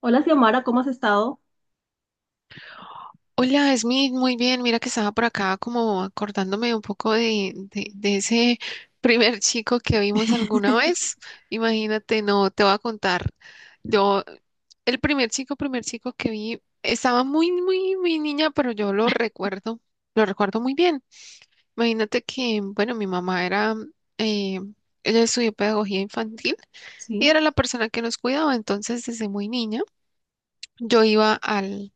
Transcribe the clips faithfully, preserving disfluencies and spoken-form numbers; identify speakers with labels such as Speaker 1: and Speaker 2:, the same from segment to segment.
Speaker 1: Hola, Xiomara, ¿cómo has estado?
Speaker 2: Hola, Smith, muy bien. Mira que estaba por acá como acordándome un poco de, de, de ese primer chico que vimos alguna vez. Imagínate, no, te voy a contar. Yo, el primer chico, primer chico que vi, estaba muy, muy, muy niña, pero yo lo recuerdo, lo recuerdo muy bien. Imagínate que, bueno, mi mamá era, eh, ella estudió pedagogía infantil
Speaker 1: Sí,
Speaker 2: y era la persona que nos cuidaba. Entonces, desde muy niña, yo iba al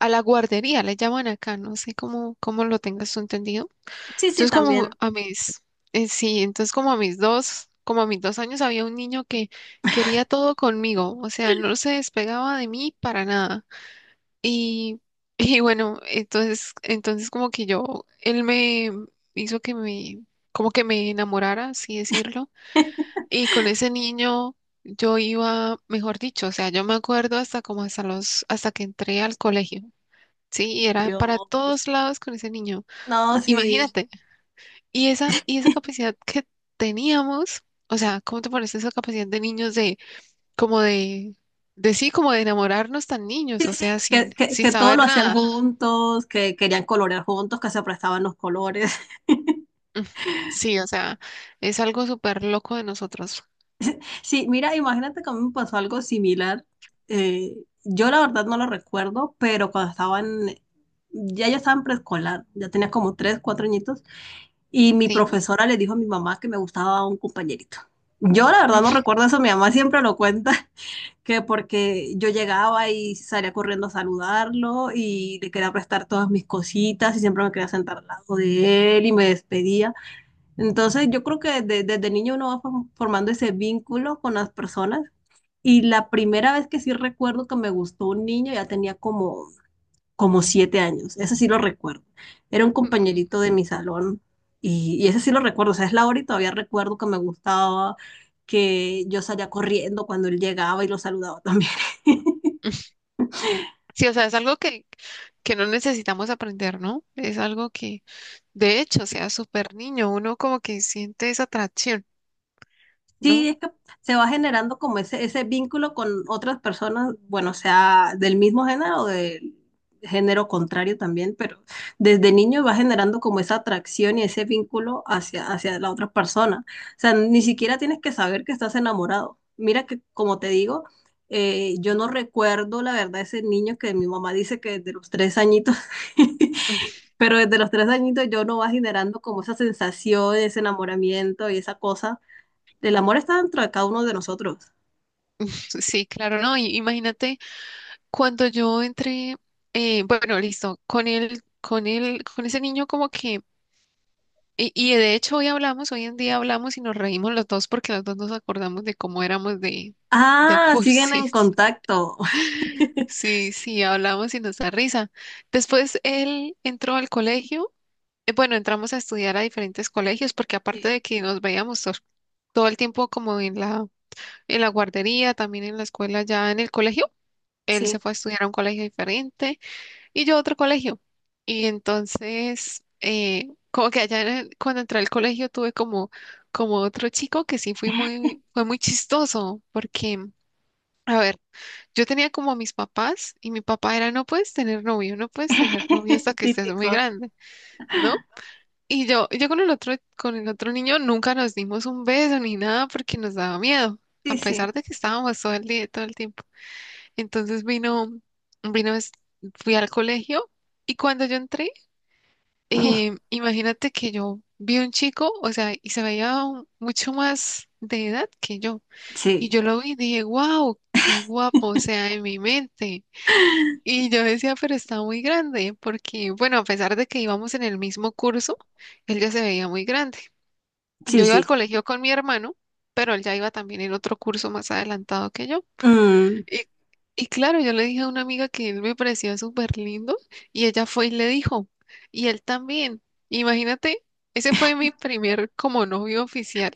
Speaker 2: a la guardería, le llaman acá, no sé cómo, cómo lo tengas tú entendido.
Speaker 1: sí, sí,
Speaker 2: Entonces, como
Speaker 1: también.
Speaker 2: a mis, eh, sí, entonces como a mis dos, como a mis dos años había un niño que quería todo conmigo, o sea, no se despegaba de mí para nada. Y, y bueno, entonces, entonces como que yo, él me hizo que me, como que me enamorara, así decirlo. Y con ese niño yo iba, mejor dicho, o sea, yo me acuerdo hasta como hasta los, hasta que entré al colegio. Sí, era para
Speaker 1: Yo,
Speaker 2: todos lados con ese niño.
Speaker 1: no, sí,
Speaker 2: Imagínate. Y esa, y esa capacidad que teníamos, o sea, ¿cómo te parece esa capacidad de niños de, como de, de sí, como de enamorarnos tan
Speaker 1: sí,
Speaker 2: niños, o
Speaker 1: sí,
Speaker 2: sea, sin,
Speaker 1: que, que,
Speaker 2: sin
Speaker 1: que todo lo
Speaker 2: saber
Speaker 1: hacían
Speaker 2: nada?
Speaker 1: juntos, que querían colorear juntos, que se prestaban los colores.
Speaker 2: Mm, sí, o sea, es algo súper loco de nosotros,
Speaker 1: Sí, mira, imagínate que a mí me pasó algo similar. Eh, yo la verdad no lo recuerdo, pero cuando estaban, ya yo estaba en preescolar, ya tenía como tres, cuatro añitos, y mi
Speaker 2: ¿sí?
Speaker 1: profesora le dijo a mi mamá que me gustaba un compañerito. Yo la verdad no recuerdo eso, mi mamá siempre lo cuenta. Que porque yo llegaba y salía corriendo a saludarlo y le quería prestar todas mis cositas y siempre me quería sentar al lado de él y me despedía. Entonces yo creo que desde, desde niño uno va form- formando ese vínculo con las personas y la primera vez que sí recuerdo que me gustó un niño ya tenía como como siete años, ese sí lo recuerdo. Era un
Speaker 2: Mm,
Speaker 1: compañerito de mi salón y, y ese sí lo recuerdo, o sea, es la hora y todavía recuerdo que me gustaba, que yo salía corriendo cuando él llegaba y lo saludaba también.
Speaker 2: sí, o sea, es algo que, que no necesitamos aprender, ¿no? Es algo que, de hecho, o sea, súper niño, uno como que siente esa atracción,
Speaker 1: Sí,
Speaker 2: ¿no?
Speaker 1: es que se va generando como ese, ese vínculo con otras personas, bueno, sea del mismo género o del género contrario también, pero desde niño va generando como esa atracción y ese vínculo hacia, hacia la otra persona. O sea, ni siquiera tienes que saber que estás enamorado. Mira que, como te digo, eh, yo no recuerdo la verdad ese niño que mi mamá dice que desde los tres añitos.
Speaker 2: Mm,
Speaker 1: Pero desde los tres añitos yo no va generando como esa sensación, ese enamoramiento y esa cosa. El amor está dentro de cada uno de nosotros.
Speaker 2: sí, claro, ¿no? Y imagínate. Cuando yo entré, eh, bueno, listo, con él, con él, con ese niño como que, y, y de hecho hoy hablamos, hoy en día hablamos y nos reímos los dos porque los dos nos acordamos de cómo éramos de, de
Speaker 1: Ah, siguen en
Speaker 2: cursis.
Speaker 1: contacto.
Speaker 2: Sí, sí, hablamos y nos da risa. Después él entró al colegio, eh, bueno, entramos a estudiar a diferentes colegios porque aparte
Speaker 1: Sí,
Speaker 2: de que nos veíamos to- todo el tiempo como en la, en la guardería, también en la escuela, ya en el colegio, él se
Speaker 1: sí.
Speaker 2: fue a estudiar a un colegio diferente. Y yo a otro colegio. Y entonces, eh, como que allá en el- cuando entré al colegio tuve como, como otro chico que sí fui muy, fue muy chistoso, porque, a ver, yo tenía como a mis papás y mi papá era, no puedes tener novio, no puedes tener novio hasta que estés muy
Speaker 1: Típico.
Speaker 2: grande, ¿no? Y yo, yo con el otro, con el otro niño nunca nos dimos un beso ni nada porque nos daba miedo, a
Speaker 1: Sí, sí.
Speaker 2: pesar de que estábamos todo el día, todo el tiempo. Entonces vino, vino, es- fui al colegio y cuando yo entré, eh, imagínate que yo vi un chico, o sea, y se veía un- mucho más de edad que yo. Y
Speaker 1: Sí,
Speaker 2: yo lo vi y dije, wow, qué guapo, o sea, en mi mente. Y yo decía, pero está muy grande, porque, bueno, a pesar de que íbamos en el mismo curso, él ya se veía muy grande. Yo
Speaker 1: sí,
Speaker 2: iba al
Speaker 1: sí.
Speaker 2: colegio con mi hermano, pero él ya iba también en otro curso más adelantado que yo.
Speaker 1: Mm.
Speaker 2: Y, y claro, yo le dije a una amiga que él me parecía súper lindo y ella fue y le dijo, y él también. Imagínate, ese fue mi primer como novio oficial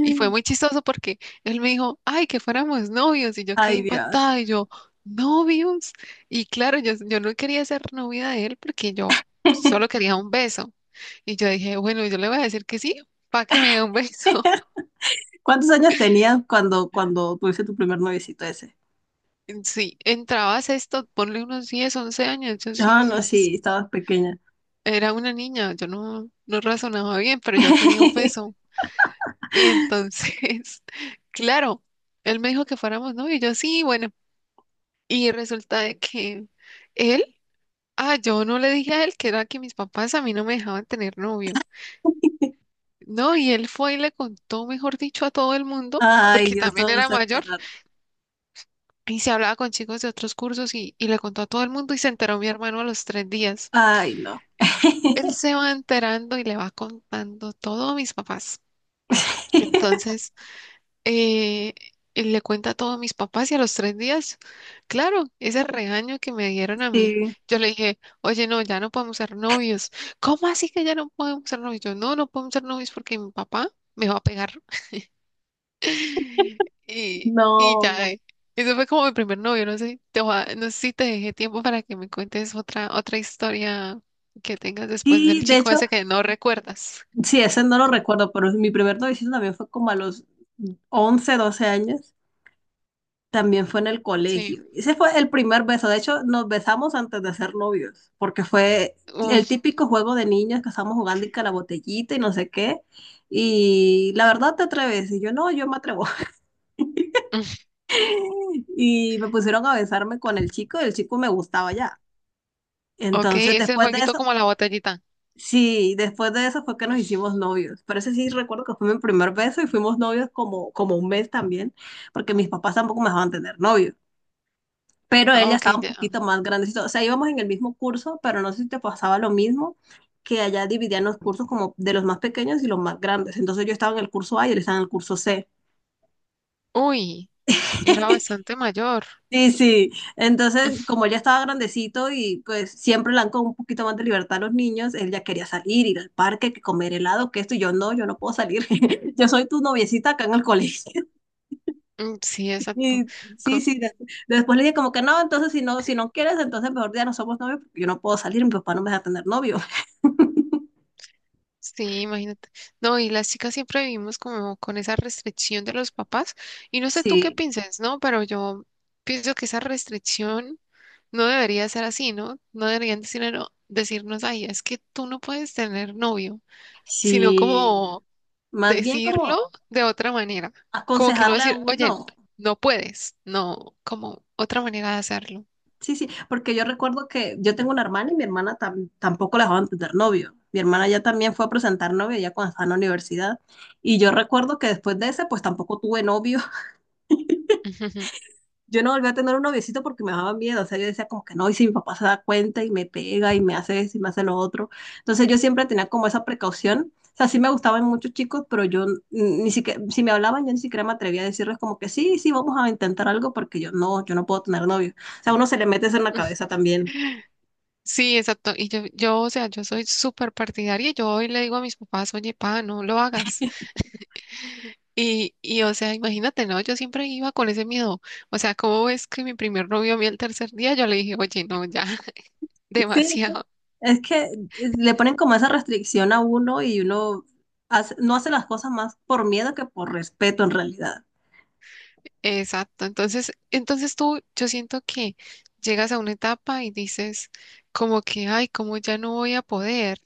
Speaker 2: y fue muy chistoso porque él me dijo, ay, que fuéramos novios y yo quedé
Speaker 1: Ay, Dios.
Speaker 2: impactada y yo, novios. Y claro, yo, yo no quería ser novia de él porque yo solo quería un beso. Y yo dije, bueno, yo le voy a decir que sí, para que me dé un beso.
Speaker 1: ¿Cuántos años tenías cuando, cuando tuviste tu primer noviecito ese?
Speaker 2: Sí, entrabas esto, ponle unos diez once años, yo
Speaker 1: Ah,
Speaker 2: sí.
Speaker 1: no, sí, estabas pequeña.
Speaker 2: Era una niña, yo no, no razonaba bien, pero yo quería un beso. Y entonces, claro, él me dijo que fuéramos novios, y yo sí, bueno. Y resulta de que él, ah, yo no le dije a él que era que mis papás a mí no me dejaban tener novio. No, y él fue y le contó, mejor dicho, a todo el mundo,
Speaker 1: Ay,
Speaker 2: porque
Speaker 1: Dios,
Speaker 2: también
Speaker 1: todos
Speaker 2: era
Speaker 1: se
Speaker 2: mayor,
Speaker 1: enteraron.
Speaker 2: y se hablaba con chicos de otros cursos y, y le contó a todo el mundo y se enteró mi hermano a los tres días.
Speaker 1: Ay, no.
Speaker 2: Él se va enterando y le va contando todo a mis papás. Entonces, eh, y le cuenta todo a mis papás y a los tres días, claro, ese regaño que me dieron a mí,
Speaker 1: Sí,
Speaker 2: yo le dije, oye, no, ya no podemos ser novios. ¿Cómo así que ya no podemos ser novios? Yo, no, no podemos ser novios porque mi papá me va a pegar. Y, y ya,
Speaker 1: no.
Speaker 2: eh, ese fue como mi primer novio, no sé, te voy a- no sé si te dejé tiempo para que me cuentes otra, otra historia que tengas después
Speaker 1: Sí,
Speaker 2: del
Speaker 1: de
Speaker 2: chico
Speaker 1: hecho,
Speaker 2: ese que no recuerdas.
Speaker 1: sí, ese no lo recuerdo, pero mi primer noviciado también fue como a los once, doce años. También fue en el
Speaker 2: Sí.
Speaker 1: colegio. Ese fue el primer beso. De hecho, nos besamos antes de ser novios, porque fue el
Speaker 2: Uf,
Speaker 1: típico juego de niños que estábamos jugando y que la botellita y no sé qué. Y la verdad te atreves. Y yo no, yo me atrevo.
Speaker 2: uf.
Speaker 1: Y me pusieron a besarme con el chico y el chico me gustaba ya.
Speaker 2: Ok,
Speaker 1: Entonces,
Speaker 2: ese
Speaker 1: después de
Speaker 2: jueguito
Speaker 1: eso,
Speaker 2: como la botellita.
Speaker 1: sí, después de eso fue que nos hicimos novios. Pero ese sí recuerdo que fue mi primer beso y fuimos novios como, como un mes también, porque mis papás tampoco me dejaban tener novio. Pero él
Speaker 2: Ah,
Speaker 1: ya
Speaker 2: ok,
Speaker 1: estaba un
Speaker 2: ya.
Speaker 1: poquito más grandecito. O sea, íbamos en el mismo curso, pero no sé si te pasaba lo mismo, que allá dividían los cursos como de los más pequeños y los más grandes. Entonces yo estaba en el curso A y él estaba en el curso C.
Speaker 2: Uy, era bastante mayor.
Speaker 1: Sí, sí. Entonces, como él ya estaba grandecito y pues siempre le dan con un poquito más de libertad a los niños, él ya quería salir, ir al parque, que comer helado, que esto, y yo no, yo no puedo salir. Yo soy tu noviecita acá en el colegio.
Speaker 2: Mm, sí, exacto.
Speaker 1: Y sí,
Speaker 2: Co-
Speaker 1: sí. De- después le dije como que no, entonces si no, si no, quieres, entonces mejor ya no somos novios, porque yo no puedo salir, mi papá no me deja tener novio.
Speaker 2: sí, imagínate. No, y las chicas siempre vivimos como con esa restricción de los papás. Y no sé tú qué
Speaker 1: Sí,
Speaker 2: piensas, ¿no? Pero yo pienso que esa restricción no debería ser así, ¿no? No deberían decirnos, decirnos, ay, es que tú no puedes tener novio, sino
Speaker 1: sí.
Speaker 2: como
Speaker 1: Más bien como
Speaker 2: decirlo de otra manera. Como que no
Speaker 1: aconsejarle a
Speaker 2: decir, oye,
Speaker 1: uno.
Speaker 2: no puedes. No, como otra manera de hacerlo.
Speaker 1: Sí, sí, porque yo recuerdo que yo tengo una hermana y mi hermana tam- tampoco la dejaban tener novio. Mi hermana ya también fue a presentar novio ya cuando estaba en la universidad. Y yo recuerdo que después de ese, pues tampoco tuve novio. Yo no volví a tener un noviecito porque me daba miedo. O sea, yo decía como que no, y si mi papá se da cuenta y me pega y me hace eso y me hace lo otro. Entonces yo siempre tenía como esa precaución. O sea, sí me gustaban muchos chicos, pero yo n- ni siquiera, si me hablaban, yo ni siquiera me atrevía a decirles como que sí, sí, vamos a intentar algo porque yo no, yo no puedo tener novio. O sea, a uno se le mete eso en la cabeza también.
Speaker 2: Sí, exacto. Y yo, yo, o sea, yo soy súper partidaria. Y yo hoy le digo a mis papás, oye, pa, no lo hagas. Y, y, o sea, imagínate, ¿no? Yo siempre iba con ese miedo. O sea, ¿cómo es que mi primer novio a mí el tercer día? Yo le dije, oye, no, ya,
Speaker 1: Sí,
Speaker 2: demasiado.
Speaker 1: es que le ponen como esa restricción a uno y uno hace- no hace las cosas más por miedo que por respeto en realidad.
Speaker 2: Exacto. Entonces, entonces tú, yo siento que llegas a una etapa y dices, como que, ay, como ya no voy a poder.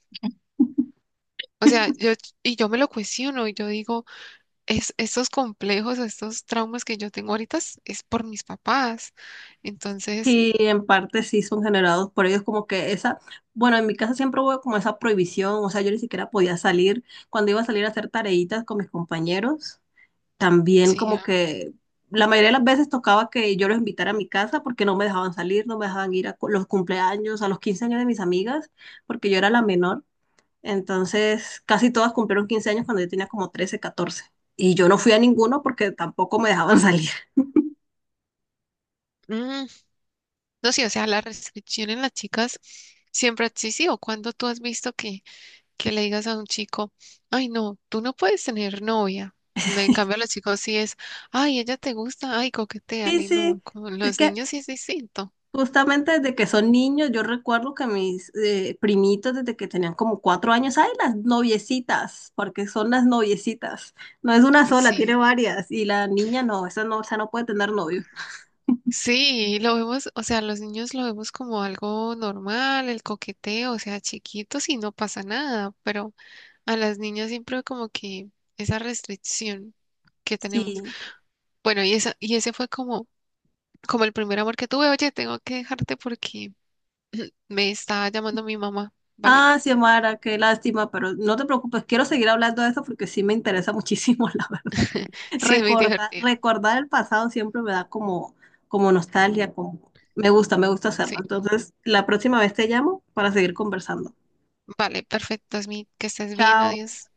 Speaker 2: O sea, yo, y yo me lo cuestiono y yo digo, es, estos complejos, estos traumas que yo tengo ahorita es, es por mis papás. Entonces,
Speaker 1: Y en parte sí son generados por ellos como que esa, bueno, en mi casa siempre hubo como esa prohibición, o sea, yo ni siquiera podía salir. Cuando iba a salir a hacer tareitas con mis compañeros, también
Speaker 2: sí,
Speaker 1: como
Speaker 2: ah,
Speaker 1: que la mayoría de las veces tocaba que yo los invitara a mi casa porque no me dejaban salir, no me dejaban ir a cu- los cumpleaños, a los quince años de mis amigas, porque yo era la menor. Entonces, casi todas cumplieron quince años cuando yo tenía como trece, catorce. Y yo no fui a ninguno porque tampoco me dejaban salir.
Speaker 2: mm, no sé, o sea, la restricción en las chicas siempre ha existido. Cuando tú has visto que, que le digas a un chico, ay, no, tú no puedes tener novia. No, en cambio, a los chicos sí es, ay, ella te gusta, ay,
Speaker 1: Sí,
Speaker 2: coqueteale. No,
Speaker 1: sí,
Speaker 2: con
Speaker 1: es
Speaker 2: los
Speaker 1: que
Speaker 2: niños sí es distinto.
Speaker 1: justamente desde que son niños, yo recuerdo que mis eh, primitos desde que tenían como cuatro años, hay las noviecitas, porque son las noviecitas. No es una sola, tiene
Speaker 2: Sí.
Speaker 1: varias. Y la niña no, esa no, esa no puede tener novio.
Speaker 2: Sí, lo vemos, o sea, los niños lo vemos como algo normal, el coqueteo, o sea, chiquitos y no pasa nada, pero a las niñas siempre como que esa restricción que tenemos.
Speaker 1: Sí,
Speaker 2: Bueno, y esa, y ese fue como, como el primer amor que tuve. Oye, tengo que dejarte porque me está llamando mi mamá, ¿vale?
Speaker 1: ah, Xiomara, qué lástima, pero no te preocupes, quiero seguir hablando de esto porque sí me interesa muchísimo, la verdad.
Speaker 2: Sí, es muy
Speaker 1: Recordar,
Speaker 2: divertido.
Speaker 1: recordar el pasado siempre me da como, como nostalgia, como me gusta, me gusta hacerlo.
Speaker 2: Sí,
Speaker 1: Entonces, la próxima vez te llamo para seguir conversando.
Speaker 2: vale, perfecto, Smith, que estés bien,
Speaker 1: Chao.
Speaker 2: adiós.